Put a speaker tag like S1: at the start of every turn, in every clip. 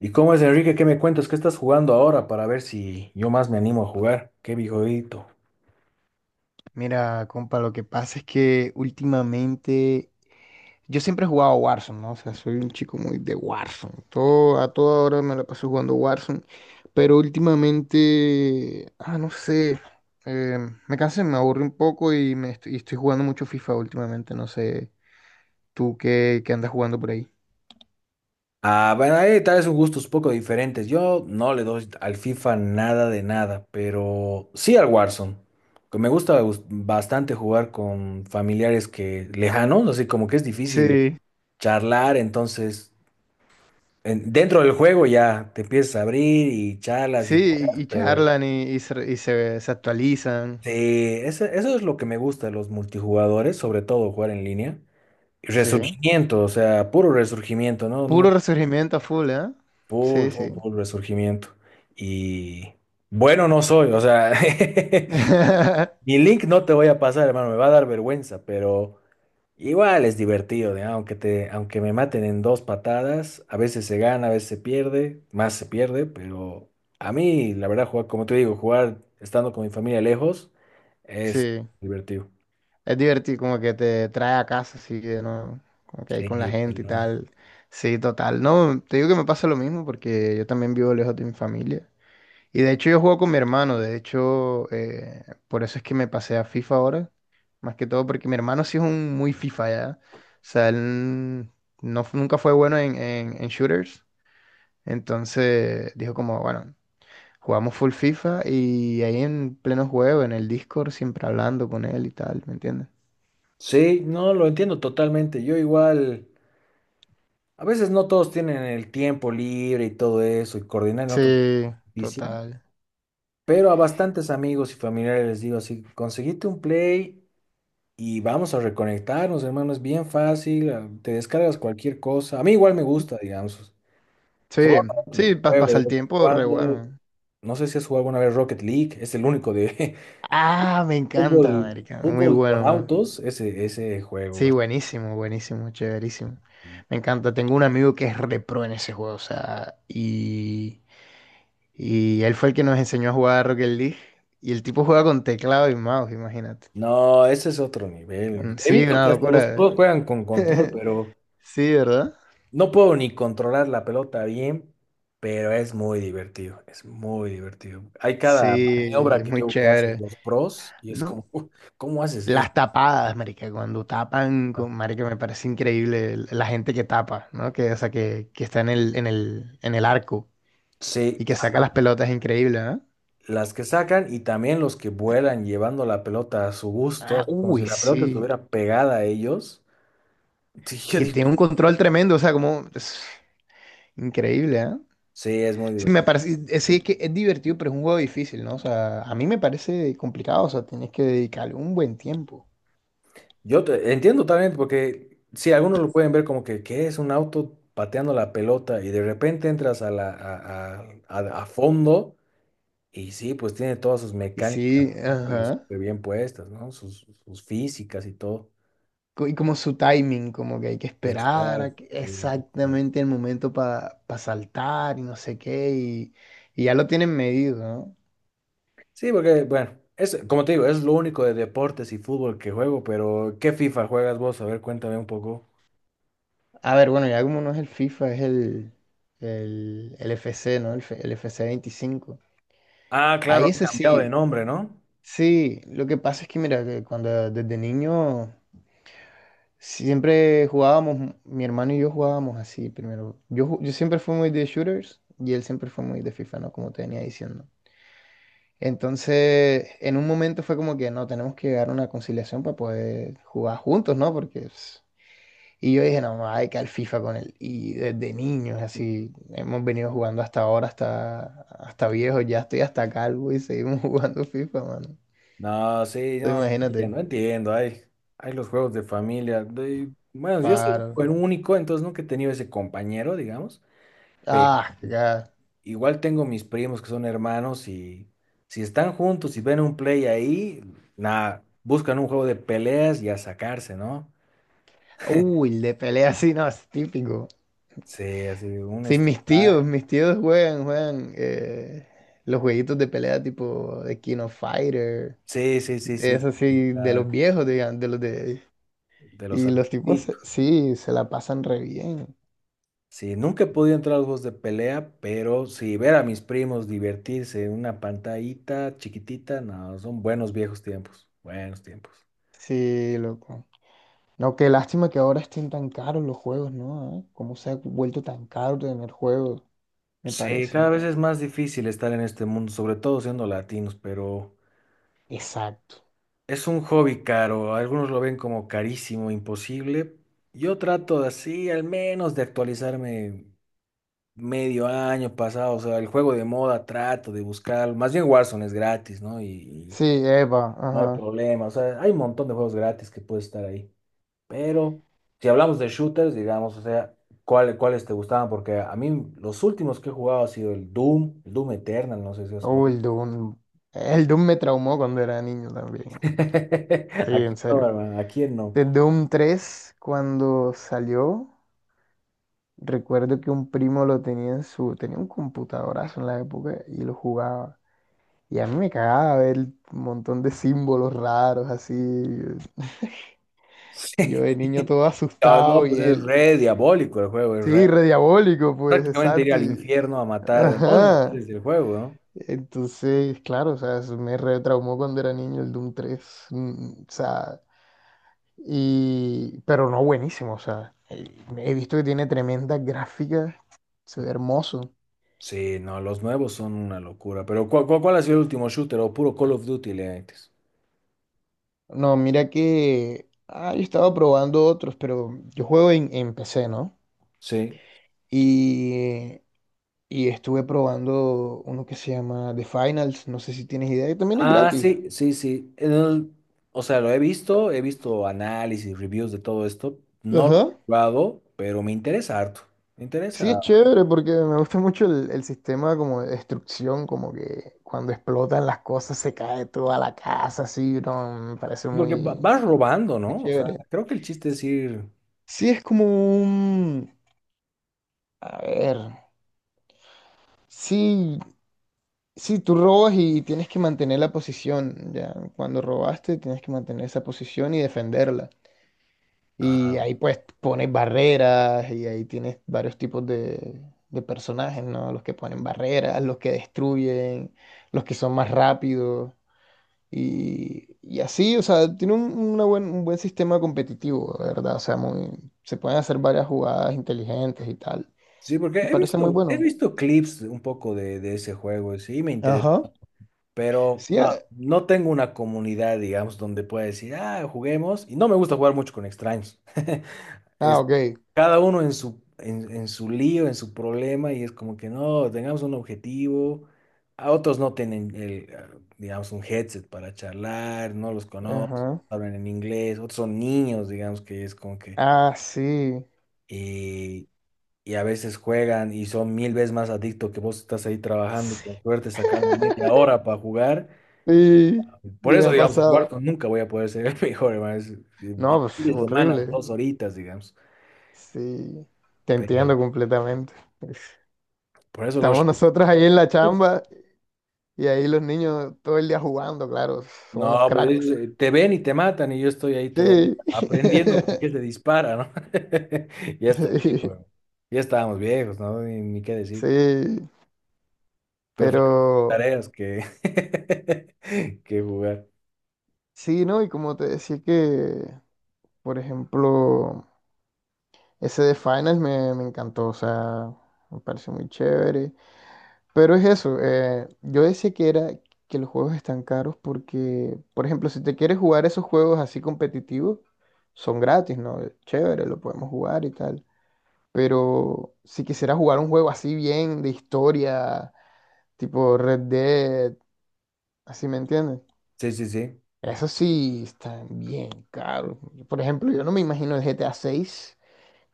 S1: ¿Y cómo es, Enrique? ¿Qué me cuentas? ¿Qué estás jugando ahora para ver si yo más me animo a jugar? ¡Qué viejito!
S2: Mira, compa, lo que pasa es que últimamente yo siempre he jugado Warzone, ¿no? O sea, soy un chico muy de Warzone. Todo, a toda hora me la paso jugando Warzone. Pero últimamente, no sé, eh, me cansé, me aburro un poco y estoy jugando mucho FIFA últimamente. No sé, tú qué andas jugando por ahí.
S1: Ah, bueno, ahí tal vez son gustos poco diferentes. Yo no le doy al FIFA nada de nada, pero sí al Warzone. Que me gusta bastante jugar con familiares que lejanos, así como que es difícil
S2: Sí,
S1: charlar, entonces dentro del juego ya te empiezas a abrir y charlas y
S2: sí, y
S1: juegas,
S2: y
S1: pero
S2: charlan y se actualizan.
S1: sí, eso es lo que me gusta de los multijugadores, sobre todo jugar en línea.
S2: Sí.
S1: Resurgimiento, o sea, puro resurgimiento, ¿no? No,
S2: Puro resurgimiento a full, ¿eh?
S1: full,
S2: Sí,
S1: full,
S2: sí.
S1: full resurgimiento. Y bueno, no soy, o sea, mi link no te voy a pasar, hermano, me va a dar vergüenza, pero igual es divertido, ¿ya? Aunque me maten en dos patadas, a veces se gana, a veces se pierde, más se pierde, pero a mí, la verdad, jugar, como te digo, jugar estando con mi familia lejos es
S2: Sí.
S1: divertido.
S2: Es divertido, como que te trae a casa, así que no, como que ahí con la
S1: Sí, tal
S2: gente y
S1: cual.
S2: tal. Sí, total. No, te digo que me pasa lo mismo porque yo también vivo lejos de mi familia. Y de hecho yo juego con mi hermano, de hecho, por eso es que me pasé a FIFA ahora, más que todo porque mi hermano sí es un muy FIFA ya. O sea, él no, nunca fue bueno en shooters, entonces dijo como, bueno, jugamos full FIFA y ahí en pleno juego, en el Discord, siempre hablando con él y tal, ¿me entiendes?
S1: Sí, no, lo entiendo totalmente. Yo igual. A veces no todos tienen el tiempo libre y todo eso, y coordinar en otro
S2: Sí,
S1: es difícil,
S2: total.
S1: pero a bastantes amigos y familiares les digo así, conseguite un play y vamos a reconectarnos, hermano, es bien fácil, te descargas cualquier cosa. A mí igual me gusta, digamos,
S2: Sí, sí,
S1: juego de
S2: pasa
S1: vez
S2: el
S1: en
S2: tiempo re
S1: cuando,
S2: bueno.
S1: no sé si has jugado alguna vez Rocket League, es el único de
S2: Ah, me encanta,
S1: fútbol,
S2: marica. Muy
S1: fútbol con
S2: bueno.
S1: autos, ese juego.
S2: Sí, buenísimo, buenísimo, chéverísimo.
S1: Así.
S2: Me encanta. Tengo un amigo que es repro en ese juego, o sea, y él fue el que nos enseñó a jugar a Rocket League. Y el tipo juega con teclado y mouse, imagínate.
S1: No, ese es otro nivel.
S2: Mm,
S1: He
S2: sí,
S1: visto
S2: una
S1: que hasta los
S2: locura,
S1: pros juegan con control,
S2: ¿eh?
S1: pero.
S2: Sí, ¿verdad?
S1: No puedo ni controlar la pelota bien, pero es muy divertido, es muy divertido. Hay cada
S2: Sí,
S1: maniobra
S2: es
S1: que
S2: muy
S1: veo que hacen
S2: chévere.
S1: los pros y es
S2: No,
S1: como: ¿cómo haces eso?".
S2: las tapadas, marica, cuando tapan, con, marica, me parece increíble la gente que tapa, ¿no? Que, o sea, que está en el arco y
S1: Sí,
S2: que saca las pelotas, increíble, ¿no?
S1: las que sacan y también los que vuelan llevando la pelota a su gusto,
S2: Ah,
S1: así como si
S2: uy,
S1: la pelota
S2: sí.
S1: estuviera pegada a ellos. Sí, yo
S2: Y
S1: digo,
S2: tiene un control tremendo, o sea, como es increíble, ¿eh?
S1: sí, es muy
S2: Sí, me
S1: divertido.
S2: parece. Sí, es que es divertido, pero es un juego difícil, ¿no? O sea, a mí me parece complicado, o sea, tienes que dedicarle un buen tiempo.
S1: Yo entiendo también porque sí, algunos lo pueden ver como que, ¿qué es un auto pateando la pelota y de repente entras a la, a fondo? Y sí, pues tiene todas sus
S2: Y sí,
S1: mecánicas, ¿no? Pero
S2: ajá.
S1: súper bien puestas, ¿no? Sus físicas y todo.
S2: Y como su timing, como que hay que esperar
S1: Exacto, sí, exacto.
S2: exactamente el momento para saltar y no sé qué, y ya lo tienen medido, ¿no?
S1: Sí, porque, bueno, es, como te digo, es lo único de deportes y fútbol que juego, pero ¿qué FIFA juegas vos? A ver, cuéntame un poco.
S2: A ver, bueno, ya como no es el FIFA, es el FC, ¿no? El FC 25.
S1: Ah, claro,
S2: Ahí
S1: han
S2: ese
S1: cambiado de
S2: sí,
S1: nombre, ¿no?
S2: sí, lo que pasa es que mira, que cuando desde niño siempre jugábamos, mi hermano y yo jugábamos así primero. Yo siempre fui muy de shooters y él siempre fue muy de FIFA, ¿no? Como te venía diciendo. Entonces, en un momento fue como que no, tenemos que llegar a una conciliación para poder jugar juntos, ¿no? Porque pues. Y yo dije, no, hay que al FIFA con él. Y desde niños, así, hemos venido jugando hasta ahora, hasta viejo, ya estoy hasta calvo y seguimos jugando FIFA, mano.
S1: No, sí,
S2: Entonces,
S1: no,
S2: imagínate,
S1: entiendo, entiendo. Hay los juegos de familia. Bueno, yo soy
S2: claro.
S1: el único, entonces nunca he tenido ese compañero, digamos.
S2: Ah, ya.
S1: Igual tengo mis primos que son hermanos y si están juntos y ven un play ahí, nada, buscan un juego de peleas y a sacarse, ¿no?
S2: Uy, de pelea así, no, es típico.
S1: Sí, así un
S2: Sí,
S1: Street Fighter.
S2: mis tíos juegan, los jueguitos de pelea tipo de King of Fighter.
S1: Sí, sí, sí,
S2: Es
S1: sí.
S2: así, de los
S1: Está.
S2: viejos, digan, de los de.
S1: De los
S2: Y los tipos,
S1: antiguitos.
S2: sí, se la pasan re bien.
S1: Sí, nunca he podido entrar a los juegos de pelea, pero sí, ver a mis primos divertirse en una pantallita chiquitita, no, son buenos viejos tiempos, buenos tiempos.
S2: Sí, loco. No, qué lástima que ahora estén tan caros los juegos, ¿no? ¿Eh? ¿Cómo se ha vuelto tan caro tener juegos? Me
S1: Sí, cada
S2: parece.
S1: vez es más difícil estar en este mundo, sobre todo siendo latinos, pero.
S2: Exacto.
S1: Es un hobby caro, algunos lo ven como carísimo, imposible. Yo trato de así, al menos de actualizarme medio año pasado, o sea, el juego de moda trato de buscar, más bien Warzone es gratis, ¿no? Y
S2: Sí, Eva,
S1: no hay
S2: ajá.
S1: problema, o sea, hay un montón de juegos gratis que puede estar ahí. Pero si hablamos de shooters, digamos, o sea, ¿Cuáles te gustaban? Porque a mí los últimos que he jugado ha sido el Doom Eternal, no sé si has
S2: Oh,
S1: jugado.
S2: el Doom. El Doom me traumó cuando era niño también. Sí,
S1: Aquí
S2: en
S1: no,
S2: serio.
S1: hermano, aquí no.
S2: De Doom 3 cuando salió, recuerdo que un primo lo tenía en su. Tenía un computadorazo en la época y lo jugaba. Y a mí me cagaba ver un montón de símbolos raros así. Yo de niño todo
S1: Ah, no,
S2: asustado y
S1: pues es
S2: él,
S1: re diabólico el juego, es re.
S2: sí, re diabólico, pues,
S1: Prácticamente ir
S2: exacto.
S1: al infierno a matar demonios
S2: Ajá.
S1: desde el juego, ¿no?
S2: Entonces, claro, o sea, eso me retraumó cuando era niño el Doom 3. O sea, pero no buenísimo, o sea, he visto que tiene tremendas gráficas, se ve hermoso.
S1: Sí, no, los nuevos son una locura. Pero ¿cuál ha sido el último shooter o puro Call of Duty le metes?
S2: No, mira que, yo estaba probando otros, pero yo juego en PC, ¿no?
S1: Sí.
S2: Y y estuve probando uno que se llama The Finals, no sé si tienes idea, y también es
S1: Ah,
S2: gratis.
S1: sí, sí, sí. O sea, lo he visto análisis, reviews de todo esto. No lo
S2: Ajá.
S1: he jugado, pero me interesa harto. Me
S2: Sí,
S1: interesa.
S2: es chévere porque me gusta mucho el sistema como de destrucción, como que cuando explotan las cosas se cae toda la casa, así, no, me parece
S1: Porque
S2: muy,
S1: vas robando,
S2: muy
S1: ¿no? O sea,
S2: chévere.
S1: creo que el chiste es ir.
S2: Sí, es como un. A ver, sí, sí, tú robas y tienes que mantener la posición, ya, cuando robaste tienes que mantener esa posición y defenderla. Y
S1: Ah.
S2: ahí pues pones barreras y ahí tienes varios tipos de personajes, ¿no? Los que ponen barreras, los que destruyen, los que son más rápidos y así, o sea, tiene un buen sistema competitivo, la verdad, o sea, muy, se pueden hacer varias jugadas inteligentes y tal.
S1: Sí, porque
S2: Me
S1: he
S2: parece muy
S1: visto, he
S2: bueno.
S1: visto clips un poco de ese juego, y sí, me interesa,
S2: Ajá.
S1: pero
S2: Sí,
S1: no tengo una comunidad, digamos, donde pueda decir, ah, juguemos, y no me gusta jugar mucho con extraños. Es
S2: ok.
S1: cada uno en su lío, en su problema, y es como que no, tengamos un objetivo, a otros no tienen, digamos, un headset para charlar, no los conozco,
S2: Ajá.
S1: hablan en inglés, otros son niños, digamos, que es como que.
S2: Ah, sí.
S1: eh, y a veces juegan y son mil veces más adictos que vos estás ahí trabajando y con suerte sacando media hora para jugar.
S2: Sí,
S1: Por
S2: sí me
S1: eso,
S2: ha
S1: digamos, en
S2: pasado.
S1: cuarto nunca voy a poder ser el mejor, hermano. Es, el
S2: No,
S1: fin
S2: pues
S1: de semana,
S2: horrible.
S1: dos horitas, digamos.
S2: Sí, te
S1: Pero
S2: entiendo completamente.
S1: por eso los
S2: Estamos nosotros ahí en la
S1: shooters.
S2: chamba y ahí los niños todo el día jugando, claro, son unos
S1: No, pues
S2: cracks.
S1: te ven y te matan y yo estoy ahí todavía
S2: Sí,
S1: aprendiendo con qué se dispara, ¿no? Ya estoy
S2: sí,
S1: viejo, ya estábamos viejos, ¿no? Ni qué decir.
S2: sí,
S1: Prefiero
S2: pero
S1: tareas que, que jugar.
S2: sí, ¿no? Y como te decía que, por ejemplo, ese de Finals me encantó, o sea, me pareció muy chévere. Pero es eso, yo decía que era que los juegos están caros porque, por ejemplo, si te quieres jugar esos juegos así competitivos, son gratis, ¿no? Chévere, lo podemos jugar y tal. Pero si quisieras jugar un juego así bien de historia, tipo Red Dead, así me entiendes,
S1: Sí, sí, sí.
S2: eso sí están bien caros. Por ejemplo, yo no me imagino el GTA 6.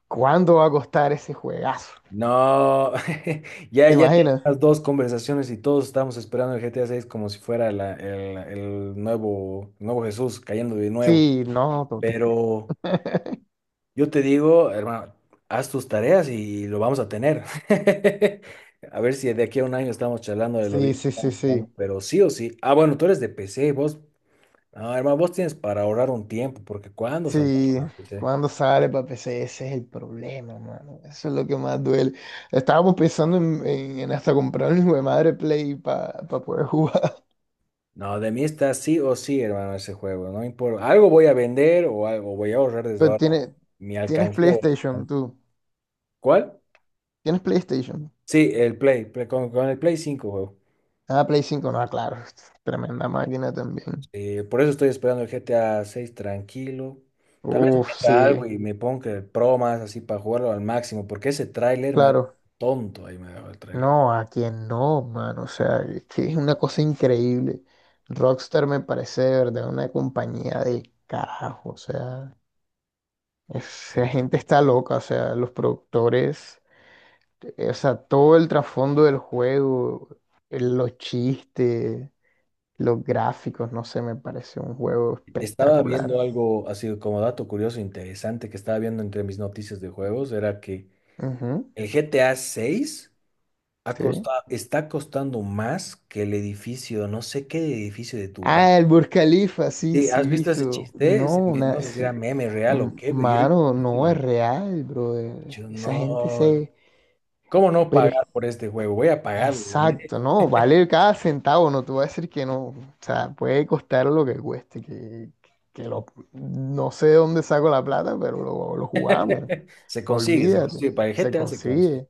S2: ¿Cuándo va a costar ese juegazo?
S1: No, ya,
S2: ¿Te
S1: ya
S2: imaginas?
S1: tenemos dos conversaciones y todos estamos esperando el GTA 6 como si fuera el nuevo, el nuevo Jesús cayendo de nuevo.
S2: Sí, no, total.
S1: Pero yo te digo, hermano, haz tus tareas y lo vamos a tener. A ver si de aquí a un año estamos charlando de lo
S2: Sí,
S1: bien que
S2: sí, sí,
S1: estamos jugando,
S2: sí.
S1: pero sí o sí. Ah, bueno, tú eres de PC, vos, hermano, vos tienes para ahorrar un tiempo, porque ¿cuándo saldrá
S2: Sí,
S1: para PC?
S2: cuando sale para PC, ese es el problema, mano. Eso es lo que más duele. Estábamos pensando en hasta comprar un hijo de madre Play para poder jugar.
S1: No, de mí está sí o sí, hermano, ese juego. No importa. Algo voy a vender o algo voy a ahorrar desde
S2: Pero
S1: ahora. Mi
S2: tienes
S1: alcancía voy a
S2: PlayStation,
S1: tener.
S2: tú.
S1: ¿Cuál?
S2: ¿Tienes PlayStation?
S1: Sí, el Play. Con el Play 5 juego.
S2: Ah, Play 5, no, claro. Tremenda máquina también.
S1: Por eso estoy esperando el GTA 6 tranquilo. Tal vez
S2: Uf, sí,
S1: venda algo y me ponga el Pro más así para jugarlo al máximo, porque ese tráiler me ha
S2: claro.
S1: tonto. Ahí me ha dejado el tráiler.
S2: No, a quien no, mano. O sea, es que es una cosa increíble. Rockstar me parece de verdad una compañía de carajo. O sea. Esa
S1: Sí.
S2: gente está loca, o sea, los productores, o sea, todo el trasfondo del juego, los chistes, los gráficos, no sé, me parece un juego
S1: Estaba viendo
S2: espectacular.
S1: algo así como dato curioso, interesante que estaba viendo entre mis noticias de juegos, era que
S2: Ujú,
S1: el GTA 6
S2: sí.
S1: está costando más que el edificio, no sé qué edificio de tu banco.
S2: Ah, el Burj Khalifa, sí,
S1: Sí,
S2: sí,
S1: ¿has visto ese
S2: visto.
S1: chiste?
S2: No,
S1: No
S2: una,
S1: sé si era
S2: sí.
S1: meme real o qué, pero yo, dije:
S2: Mano, no es real, bro.
S1: Yo,
S2: Esa gente
S1: no, hermano,
S2: se.
S1: ¿cómo no
S2: Pero es
S1: pagar por este juego? Voy a pagarlo". ¿No?
S2: exacto, no, vale cada centavo, no te voy a decir que no, o sea, puede costar lo que cueste, que lo, no sé de dónde saco la plata, pero lo jugamos,
S1: Se consigue,
S2: olvídate,
S1: para el
S2: se
S1: GTA se consigue.
S2: consigue.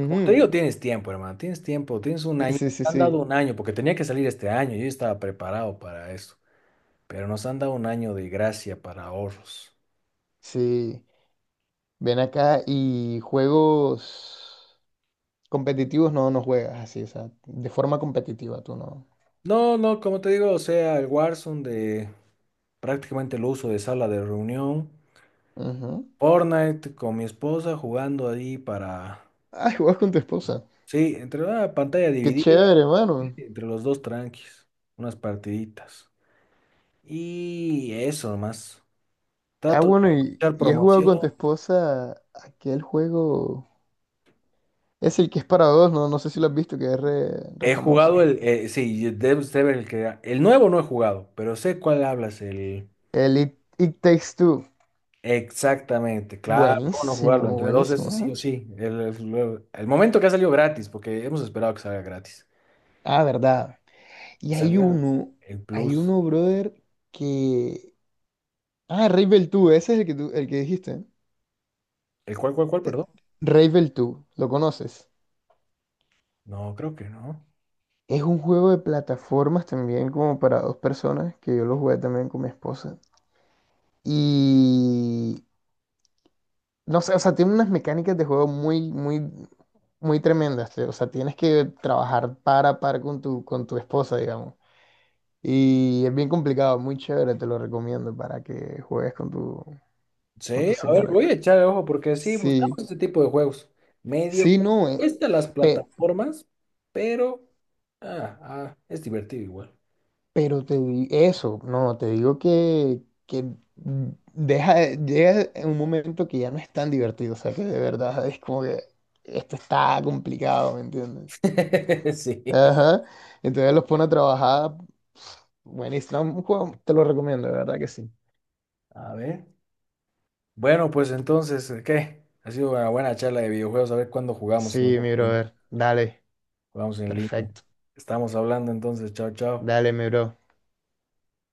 S1: Como te digo, tienes tiempo, hermano, tienes tiempo, tienes un
S2: Sí,
S1: año, te
S2: sí, sí,
S1: han dado
S2: sí,
S1: un año, porque tenía que salir este año, yo estaba preparado para eso, pero nos han dado un año de gracia para ahorros.
S2: sí, ven acá y juegos competitivos no, no juegas así, o sea, de forma competitiva tú no.
S1: No, no, como te digo, o sea, el Warzone. De Prácticamente lo uso de sala de reunión.
S2: Ujú.
S1: Fortnite con mi esposa jugando ahí para.
S2: Ay, juegas con tu esposa,
S1: Sí, entre una pantalla
S2: qué
S1: dividida,
S2: chévere, hermano.
S1: entre los dos tranquis, unas partiditas. Y eso nomás.
S2: Ah,
S1: Trato de
S2: bueno, y,
S1: aprovechar
S2: y has jugado
S1: promoción.
S2: con tu esposa aquel juego. Es el que es para dos, no, no sé si lo has visto, que es re, re
S1: He
S2: famoso.
S1: jugado el, sí, debes de ver el que. El nuevo no he jugado, pero sé cuál hablas, el.
S2: El It Takes Two.
S1: Exactamente, claro, ¿cómo no jugarlo?
S2: Buenísimo,
S1: Entre dos,
S2: buenísimo,
S1: ese sí
S2: ¿no?
S1: o sí. El momento que ha salido gratis, porque hemos esperado que salga gratis.
S2: Ah, verdad. Y hay
S1: Salió
S2: uno,
S1: el
S2: hay
S1: Plus.
S2: uno, brother, que. Ah, Ravel 2, ese es el que dijiste.
S1: ¿El cuál,
S2: Eh,
S1: perdón?
S2: Ravel 2, ¿lo conoces?
S1: No, creo que no.
S2: Es un juego de plataformas también como para dos personas, que yo lo jugué también con mi esposa. Y no sé, o sea, tiene unas mecánicas de juego muy, muy, muy tremendas. O sea, tienes que trabajar para a par con con tu esposa, digamos. Y es bien complicado, muy chévere, te lo recomiendo para que juegues con con tu
S1: Sí, a ver,
S2: señora.
S1: voy a echarle ojo porque sí, buscamos
S2: Sí,
S1: este tipo de juegos. Medio
S2: sí,
S1: que
S2: no,
S1: cuesta las
S2: pe-
S1: plataformas, pero es divertido igual.
S2: pero te di eso, no, te digo que deja, llega en un momento que ya no es tan divertido, o sea, que de verdad es como que esto está complicado, ¿me entiendes?
S1: Sí.
S2: Ajá. Entonces los pone a trabajar. Buenísimo. Un juego, te lo recomiendo, de verdad que sí.
S1: A ver. Bueno, pues entonces, ¿qué? Ha sido una buena charla de videojuegos. A ver cuándo jugamos
S2: Sí, mi
S1: nosotros.
S2: brother. Dale.
S1: Jugamos en línea.
S2: Perfecto.
S1: Estamos hablando entonces. Chao, chao.
S2: Dale, mi bro.